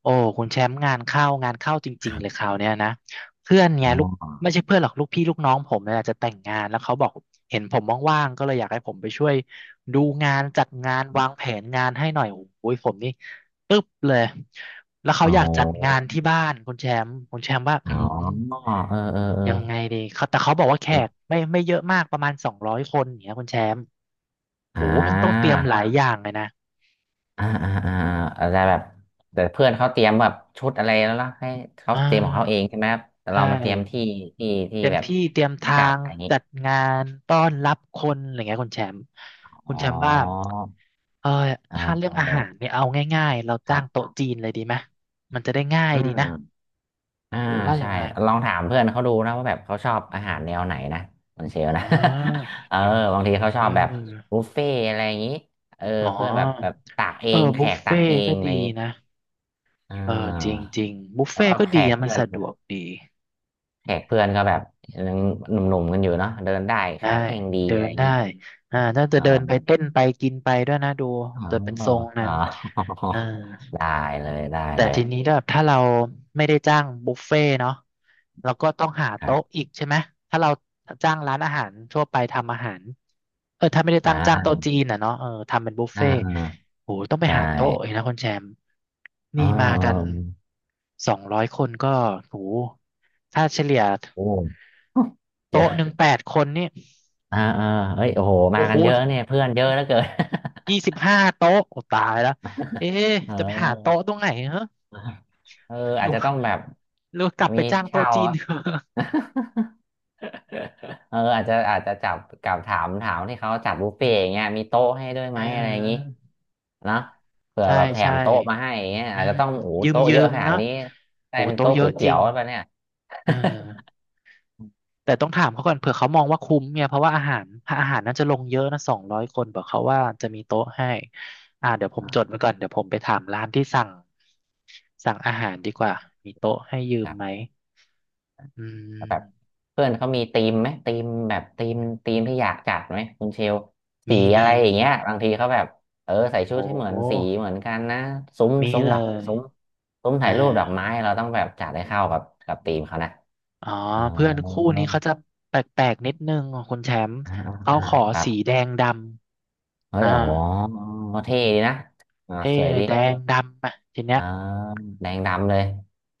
โอ้คุณแชมป์งานเข้างานเข้าจคริงรัๆบเลยคราวเนี้ยนะเพื่อนไงอ๋ลูกไม่ใช่อเพื่อนหรอกลูกพี่ลูกน้องผมเนี่ยจะแต่งงานแล้วเขาบอกเห็นผมว่างๆก็เลยอยากให้ผมไปช่วยดูงานจัดงานวางแผนงานให้หน่อยโอ้ยผมนี่ปึ๊บเลยแล้วเขาอ๋ออยากจัดงานที่บ้านคุณแชมป์คุณแชมป์ว่าอ๋อเออเออเอยังไงดีเขาแต่เขาบอกว่าแขกอไม่เยอะมากประมาณสองร้อยคนอย่างเงี้ยคุณแชมป์อ่โอ้มันต้องเตารียมหลายอย่างเลยนะอ่าอ่าอ่าอาจจะแบบแต่เพื่อนเขาเตรียมแบบชุดอะไรแล้วล่ะให้เขาอ่เตรียมของเขาเองาใช่ไหมครับแต่ใช่ เรามาเตรียมที่ที่เตรียมแบบที่เตรียมที่ทาจัดงอะไรอย่างนี้จัดงานต้อนรับคนอะไรเงี้ยคุณแชมป์คุอ๋อณแชมป์ว่าเอออ่าถ้าเรื่องอาเออหารเนี่ยเอาง่ายๆเราคจ้ารังบโต๊ะจีนเลยดีไหมมันจะได้ง่ายอืดีนะม อ่าหรือว่าใช่ยังไงลองถามเพื่อนเขาดูนะว่าแบบเขาชอบอาหารแนวไหนนะคนเชลอ๋อนะ เออบางทีเขาชเออบแบบอบุฟเฟ่อะไรอย่างนี้เอออ๋เพื่อนแบบแบอบตักเอเอองแขบุฟกตัเฟ่กเองก็อะดีไรอย่างนี้นะอ่เออจริงาจริงบุฟเพราะเฟ่ว่าก็แขดีกอะมันเพื่อสะดนวกดีแขกเพื่อนก็แบบยังหนุ่มๆกันอยู่เนาะเดินได้ได้ขาแข็งดีเดิอะไรนอย่างได้นี้อ่าน่าจะอ๋อเดินไปเต้นไปกินไปด้วยนะดูอ๋อจะเป็นทรงนั้อ๋อ น อ่า ได้เลยได้แต่เลยทีนี้แบบถ้าเราไม่ได้จ้างบุฟเฟ่ต์เนาะเราก็ต้องหาครัโต๊ะบอีกใช่ไหมถ้าเราจ้างร้านอาหารทั่วไปทำอาหารเออถ้าไม่ได้อ่ตั้งจ้างาโต๊ะจีนอ่ะเนาะเออทำเป็นบุฟอ่าเฟ่ต์อ่าโหต้องไปใช่หาโต๊ะอีกนะคุณแชมป์อ๋นี่อมากันสองร้อยคนก็โหถ้าเฉลี่ยโอ้ เจอ โต๊ะ 1 8 คนนี่อ่าเออเฮ้ยโอ้โหโอ้มาโหกันเยอะเนี่ยเพื่อนเยอะเหลือเกิน ยี่สิบห้าโต๊ะโอ้ตายแล้วเอ๊ะ จะไปหาเออโต๊ะตรงไหนเหรอเออหรือาอจจะว่าต้องแบบหรือว่ากลับไปมีจ้างโต๊ะเช่าจีนอะ เถอะ เอออาจจะอาจจะจับกับถามที่เขาจัดบุฟเฟ่อืต์อย่างเงี้มยมีโต๊ะให้ด้วยไหอ่มอะไรอย่างงี้าเนาะเผื่อใช่แบบแถใช่มโต๊ะมาให้อย่างเงี้ยอือาจจะมต้องโอ้โหยืมโต๊ะยืเยอะมขนาเนดอะนี้ได้โอ้เป็นโต๊ะโต๊ะเยก๋อะวยจเตี๋ริยงวแล้วปะเนี่ย เออแต่ต้องถามเขาก่อนเผื่อเขามองว่าคุ้มเนี่ยเพราะว่าอาหารถ้าอาหารน่าจะลงเยอะนะสองร้อยคนบอกเขาว่าจะมีโต๊ะให้อ่าเดี๋ยวผ มอ่าจดไว้ก่อนเดี๋ยวผมไปถามร้านที่สั่งอาหารดีกว่ามีโต๊ะให้ยืคมรัไหมบ อืแล้วมแบบเพื่อนเขามีธีมไหมธีมแบบธีมธีมที่อยากจัดไหมคุณเชลสีมีอะมีไรอย่างมีเงี้ยบางทีเขาแบบเออใส่ชุดโอ้ให้เหมือนสีเหมือนกันนะซุ้มมีซุ้มเลดอกยซุ้มซุ้มอ่า ถ่ายรูปดอกไม้เราต้องแบบจัดให้เข้ากับธีมเขานะอ๋ออ๋อเพื่อนคู่นี้เขาจะแปลกๆนิดนึงอ่ะคุณแชมป์อ่าอ่าเขาขอครับสีแดงดำเฮ้ยอ่าโอ้โหเท่ดีนะอ่าเท่สวยเลยดีแดงดำอ่ะทีเนี้ยอ่าแดงดำเลย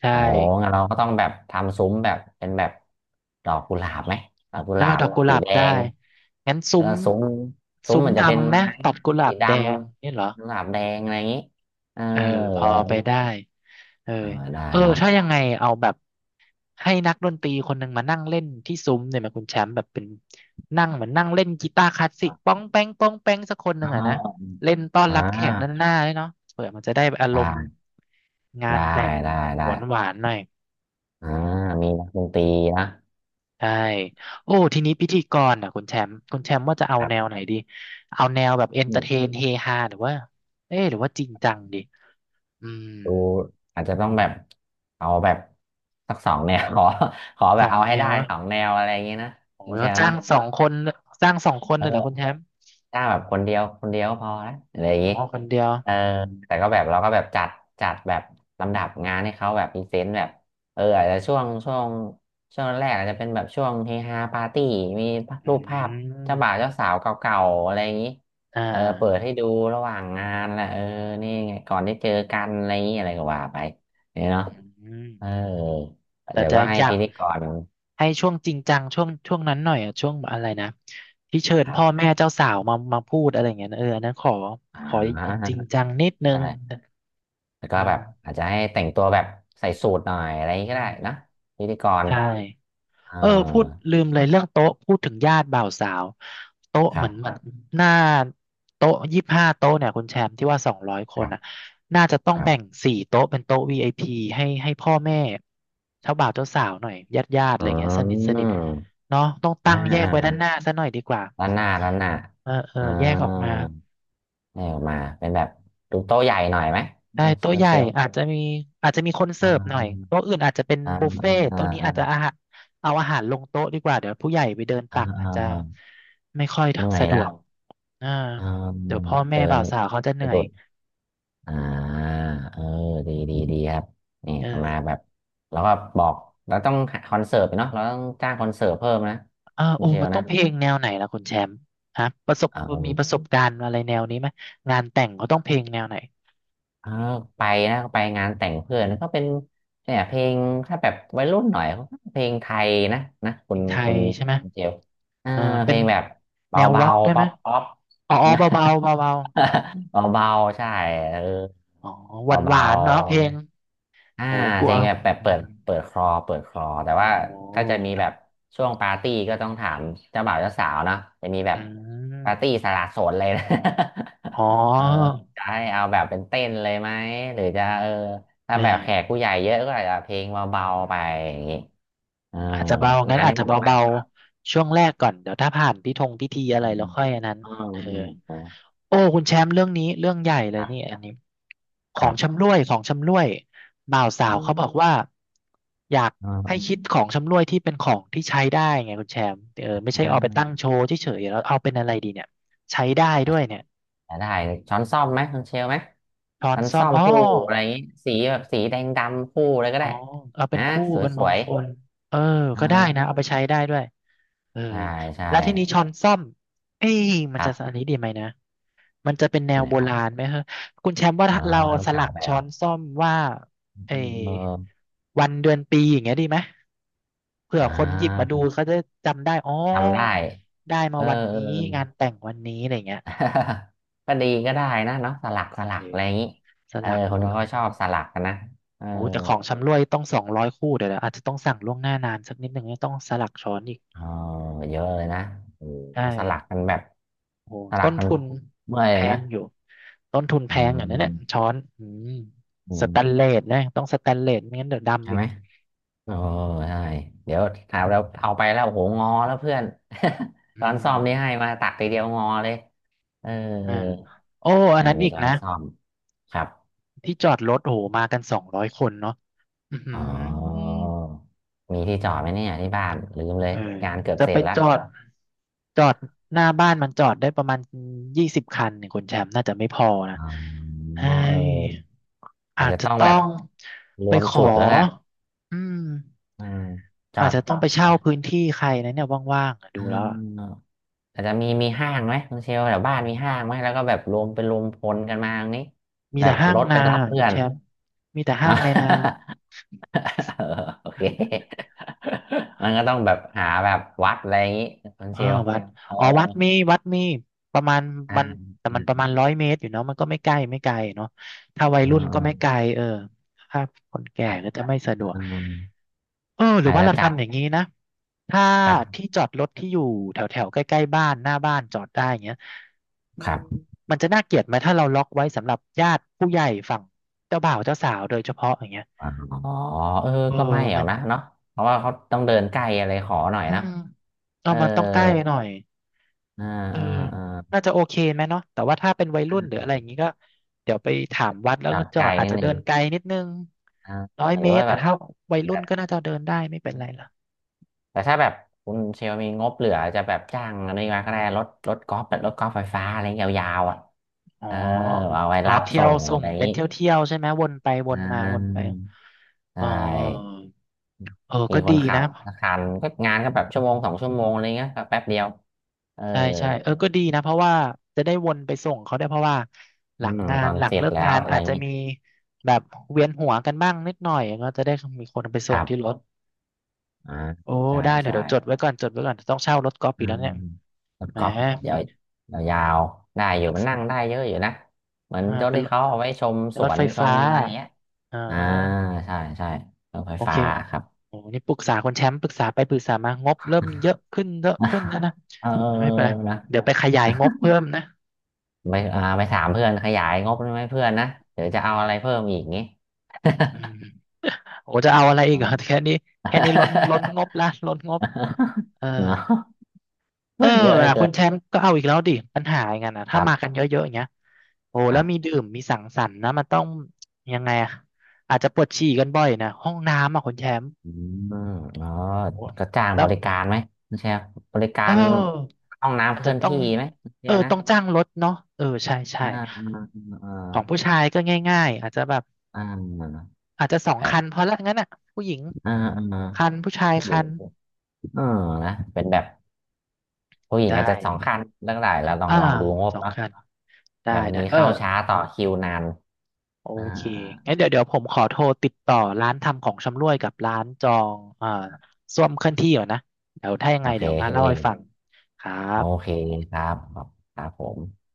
ใช่โอ้งั้นเราก็ต้องแบบทำซุ้มแบบเป็นแบบดอกกุหลาบไหมดอกกุหแล้วลาก็บดอกกุหสีลาบแดได้ง งั้นซุ้แล้มวซุ้มซุ้มซุ้มมันจะเป็นดำไหมไม้ตัดกุหลาสีบดแดงนี่เหรอำสลับแดงอะไรอย่างนี้เออเออพอะอไรอย่างไปนี้ได้ เออเออได้เออเนาะถ้ายังไงเอาแบบให้นักดนตรีคนหนึ่งมานั่งเล่นที่ซุ้มเนี่ยไหมาคุณแชมป์แบบเป็นนั่งเหมือนนั่งเล่นกีตาร์คลาสสิกป้องแป้งป้องแป้งสักคนหนึ่อ๋งอะนะอเล่นต้อนอ่รับแขกด้านาหน้าด้ยเนาะเผื่อมันจะได้อารมณ์ได้งานได้แต่งได้หได้วานหวานหน่อยอ่ามีนักดนตรีนะใช่โอ้ทีนี้พิธีกรอ่ะคุณแชมป์คุณแชมป์ว่าจะเอาแบบแนวไหนดีเอาแนวแบบเอนอืเตอร์มเทนเฮฮาหรือว่าเอ๊ะหรือว่าจริงจังดีอืมดูอาจจะต้องแบบเอาแบบสักสองแนว ขอขอแบสบองเอาแนให้ได้วนะ สองแนวอะไรอย่างนี้นะโอ้คุยณแชเขาร์จ้าเนาะงสองคนจ้างสองคนเลยเหรอคุณแชเออ มป์ถ้าแบบคนเดียวคนเดียวก็พอนะอะไรอย่างอ๋อนี้คนเดียวเออแต่ก็แบบเราก็แบบจัดจัดแบบลำดับงานให้เขาแบบพรีเซนต์แบบเอออาจจะช่วงแรกอาจจะเป็นแบบช่วงเฮฮาปาร์ตี้มีอืรูปภาพเจ้าบ่าวมเจ้าสาวเก่าๆอะไรอย่างนี้อ่เออเปิดาให้ดูระหว่างงานแหละเออนี่ไงก่อนได้เจอกันอะไรอย่างนี้อะไรก็ว่าไปเนี่ยเนาะอืมเออแต่เดี๋ยวจะก็ให้อยากพิธีกรให้ช่วงจริงจังช่วงช่วงนั้นหน่อยอะช่วงอะไรนะที่เชิญครับพ่อแม่เจ้าสาวมามาพูดอะไรอย่างเงี้ยนะเอออันนั้นขออ่ขอาจริงจังนิดนึงใช่ แล้วอืก็แบบมอาจจะให้แต่งตัวแบบใส่สูทหน่อยอะไรอย่างนี้อืก็ได้มนะพิธีกรใช่ เเออพูดออลืมเลยเรื่องโต๊ะพูดถึงญาติบ่าวสาวโต๊ะคเหรัมือนเหมือบนหน้าโต๊ะยี่สิบห้าโต๊ะเนี่ยคุณแชมป์ที่ว่าสองร้อยคคนรัอ่ะบน่าจะต้อคงรัแบ่งบ4 โต๊ะเป็นโต๊ะ VIP ให้พ่อแม่เจ้าบ่าวเจ้าสาวหน่อยญาติญาติอะอืไรเงี้ยสนิทสนิทมเนาะต้องอ่าตั้งแยกอ่าไว้ด้านหน้าซะหน่อยดีกว่าด้านหน้าด้านหน้าเออเอออ่าแยกออกมา ให้ออกมาเป็นแบบดูโต๊ะใหญ่หน่อยไหมใช่อืมโต๊ะคุใหณญ่เชลอาจจะมีอาจจะมีคนเสิร์ฟหน่อยอ่าโต๊ะอื่นอาจจะเป็นอ่าบุฟเฟ่ต์อ่าโต๊ะนี้อ่าอาจจะอาหารเอาอาหารลงโต๊ะดีกว่าเดี๋ยวผู้ใหญ่ไปเดินอ่าตักออาจจะ่าไม่ค่อยเมื่อยสะดละวกอ่าอ่าเดี๋ยวแบพ่อบแม่เดินบ่าวสาวเขาจะเหนื่สะอดุยด อ่าเออดีดีดีครับนี่เอเอามาอแบบแล้วก็บอกเราต้องหาคอนเสิร์ตเนาะเราต้องจ้างคอนเสิร์ตเพิ่มนะเออคุณโอ้เชลมันต้อนะงเพลงแนวไหนล่ะคุณแชมป์ฮะประสบมีเออประสบการณ์อะไรแนวนี้ไหมงานแต่งเขาต้องเพลงแนวไหนเออไปนะไปงานแต่งเพื่อนก็เป็นเนี่ยเพลงถ้าแบบวัยรุ่นหน่อยเขาก็เพลงไทยนะนะเพคุลณงไทคุยณใช่ไหมคุณเชลเออเออเพเป็ลนงแบบแนเบาวร็อกด้วๆยไหป๊มอปป๊อป อ๋อเบาๆเบาๆอ่าว เบาๆใช่เอออ๋อหเบาวานๆเนาะเพลงๆ อ่าโอ้กลัเพวลงแบบแบบอืเปิดม เปิดคลอเปิดคลอแต่ว่าโอ้ถ้าจะมีแบบช่วงปาร์ตี้ก็ต้องถามเจ้าบ่าวเจ้าสาวเนาะจะมีแบอืบปามร์ตี้สละโสดเลยนะ อ๋อ เออจะให้เอาแบบเป็นเต้นเลยไหมหรือจะเออถ้าอ่าแบบแขกผู้ใหญ่เยอะก็อาจจะเพลงเบาๆไปอย่างงี้เอออาจจะเบางั้งานนอาให้จจะผมไปเบาก็ๆช่วงแรกก่อนเดี๋ยวถ้าผ่านพิธงพิธีอือะมไรแล้วค่อยอันนั้นอืมอืมเอออืมอโอ้คุณแชมป์เรื่องนี้เรื่องใหญ่อเลคยรันี่บอันนี้ขคอรังบชำร่วยของชำร่วยบ่าวสาวเขาอบอกว่าอยากให้ืคิดของชำร่วยที่เป็นของที่ใช้ได้ไงคุณแชมป์เออไม่ใช่เอาไปตั้ม งโชว์เฉยๆแล้วเอาเป็นอะไรดีเนี่ยใช้ได้ด้วยเนี่ยจะได้ช้อนส้อมไหมช้อนเชลไหมช้อนช้อนซ่อส้มอมอ๋อ คู่อะไรอย่างงี้สีแบบสีแดงดำคู่อะไรก็อ๋อได้เอาเป็นนะคู่เป็นสมวงยคลเออๆเอ่าก็ได้นะเอาไปใช้ได้ด้วยเออใช่ใช่แล้วทีนี้ช้อนส้อมเอ้ยมัคนรัจะอันบนี้ดีไหมนะมันจะเป็นแนวโบนะครับราณไหมฮะคุณแชมป์ว่าอ๋อเราสลัเก่ากไปเหช้รออนส้อมว่าเออเออวันเดือนปีอย่างเงี้ยดีไหมเผื่ออ่คนหยิบมาดูาเขาจะจำได้อ๋อจำได้ได้มาเออวันเออ นี้งานแต่งวันนี้อะไรเงี้ย ก็ดีก็ได้นะเนาะสลักสลัเอกอะอไรอย่างนี้สเออลักโอ้คนโหเขาก็ชอบสลักกันนะเออโอ้โหแต่ของชำร่วยต้อง200 คู่เดี๋ยวอาจจะต้องสั่งล่วงหน้านานสักนิดหนึ่งเนี่ยต้องสลักช้อนอีกเอ๋อเยอะเลยนะโอ้ใช่ โหสลักกันแบบโอ้โหสลัต้กนกันทุนเมื่อยแพเลยนะงอยู่ต้นทุนแพอืงอ่ะนั่นแหละม ช้อนอืมอืสแตนมเลสนะต้องสแตนเลสไม่งั้นเดี๋ยวใช่ดำอีไหกมโอ้ใช่เดี๋ยวถามเราเอาไปแล้วโอ้โหงอแล้วเพื่อน ช้อือนซ่อมนี่ให้มมาตักทีเดียวงอเลยเอออ่าโอ้อันอ่านั้นมีอีกช้อนนะซ่อมครับที่จอดรถโอ้หมากัน200 คนเนาะอือหือ๋ออมีที่จอดไหมเนี่ยที่บ้านลืมเลเอยองานเกือบจะเสไปร็จละจอดจอดหน้าบ้านมันจอดได้ประมาณ20 คันเนี่ยคุณแชมป์น่าจะไม่พอนะอ๋อเฮ้เอย ออาอาจจจะจะต้องต้แบอบงรไปวมขอจุดแล้วแหละอืมเออจออาจดจะต้องไปจเช่าอพื้ดนที่ใครนะเนี่ยว่างๆอะดูอ่า แล้วอะอาจจะมีมีห้างไหมคุณเชลแถวบ้านมีห้างไหมแล้วก็แบบรวมเป็นรวมพลกันมาอย่างนี้มีแบแต่บห้ารงถไปนารับเพื่คุอณน แชมป์มีแต่ อะห้างในอ่นาะ โอเคมันก็ต้องแบบหาแบบวัดอะไรอย่างนี้คุณเชอ่าลวัดเอออ๋อวัดมีวัดมีประมาณอ่ามันแต่มันประมาณอ่าร้อยเมตรอยู่เนาะมันก็ไม่ใกล้ไม่ไกลเนาะถ้าวัยอ่รุ่นก็ไม่ไกาลเออถ้าคนแก่ก็จะอ่าไม่สะดวกเออหรือ่าออาจว่าจะเราจัดทำอย่างนี้นะถ้าครัที่บจอดรถที่อยู่แถวแถวใกล้ๆบ้านหน้าบ้านจอดได้อย่างเงี้ย อืครัมบมันจะน่าเกลียดไหมถ้าเราล็อกไว้สำหรับญาติผู้ใหญ่ฝั่งเจ้าบ่าวเจ้าสาวโดยเฉพาะอย่างเงี้ยอ๋อเออเออก็ไม่มัเอานนะเนาะเพราะว่าเขาต้องเดินไกลอะไรขอหน่อยอืนะมเอาเออมันต้องใกล้หน่อยอ่าเอออ่าอ่าน่าจะโอเคไหมเนาะแต่ว่าถ้าเป็นวัยรุ่นหรืออะไรอย่างงี้ก็เดี๋ยวไปถามวัดแล้วจอก็ดจอไกลดอาจนิดจะนึเดิง นไกลนิดนึงอ่าร้อยหรืเมอตว่ารแบแต่บถ้าวัยแบรุ่นบก็น่าจะเดินได้ไม่เป็นไรหรอกแต่ถ้าแบบคุณเชลมีงบเหลือจะแบบจ้างอะไรมาก็ได้รถกอล์ฟแบบรถกอล์ฟไฟฟ้าอะไรยาวๆอ่ะอ๋อเออเอาไว้อ๋อรับเที่ส่ยวงส่อะงไรอย่างเป็นนี้เที่ยวเที่ยวใช่ไหมวนไปวอ่นมาวนไปาใชอ๋อ่เออมีก็คดีนขันะ บสักคันก็งานก็แบบชั่วโมงสองชั่วโมงอะไรเงี้ยก็แป๊บเดียวเออใช่ใช่เออก็ดีนะเพราะว่าจะได้วนไปส่งเขาได้วยเพราะว่าหอืลังมงาตนอนหลัเสงร็จเลิกแล้งาวนอะไรอาอจย่างจะนี้มีแบบเวียนหัวกันบ้างนิดหน่อยก็จะได้มีคนไปคส่งรับที่รถอ่าโอ้ใช่ได้เลยใช่ เดี๋ยวจดไว้ก่อนจดไว้ก่อนต้องเช่ารถกอล์ฟอือีกแล้วมเนี่ยรถแหมก๊อล์ฟเดี๋ยวยาวๆได้อยู่มันนั่งได้เยอะอยู่นะเหมือนอ่ารถเป็นที่รถเขาเอาไว้ชมเป็นสรถวนไฟชฟ้ามอะไรเงี้ยอ่อ่าาใช่ใช่รถไฟโอเคฟ้าครับ โอ้นี่ปรึกษาคนแชมป์ปรึกษาไปปรึกษามางบเริ่มเยอะขึ้นเยอะขึ้นนะ นะเออไม่เป็นไรนะเดี๋ยวไปขยายงบเพิ่มนะไปอ่าไปถามเพื่อนขยายงบได้ไหมเพื่อนนะเดี๋ยวจะเอาอะไรเพิ่มอีกงี้ อืมโอ้จะเอาอะไรอีกเหรอแค่นี้แค่นี้ล้นล้นงบละล้นงบ เออ เนอะเอเพื่ออนเยอะเหลือนะเกิคุณแชนมป์ก็เอาอีกแล้วดิปัญหาอย่างนั้นนะคถ้ารัมากันบ เยอะๆอย่างเงี้ยโอ้แล้วมีดื่มมีสังสรรค์นะมันต้องยังไงอะอาจจะปวดฉี่กันบ่อยนะห้องน้ำอ่ะคุณแชมป์อืมอ๋อโอ้ก็จ้างแล้บวริการไหมคุณเชียร์บริกาเอรอห้องน้ำอาจเคลื่จะอนต้องที่ไหมคุณเอเชียอร์นะต้องจ้างรถเนาะเออใช่ใช่อ่าอ่าของผู้ชายก็ง่ายๆอาจจะแบบอ่าอ่าอาจจะสองแบบคันพอละงั้นอ่ะผู้หญิงอ่าอ่าคันผู้ชายผู้หญิคังนเออนะเป็นแบบผู้หญิงได้ อาจจะสองคันเรื่องไหนแล้วลองอ่าลองดูงบสองเนาะคันได้แบบวันได้นี้เออ เข้าช้าต่อคิวนานโออ่าเคอ่างั้นเดี๋ยวผมขอโทรติดต่อร้านทำของชำร่วยกับร้านจองส้วมเคลื่อนที่ก่อนนะ เดี๋ยวถ้ายังโอไงเคเดี๋ยวมาโอเล่าให้ฟังครับเคครับครับผม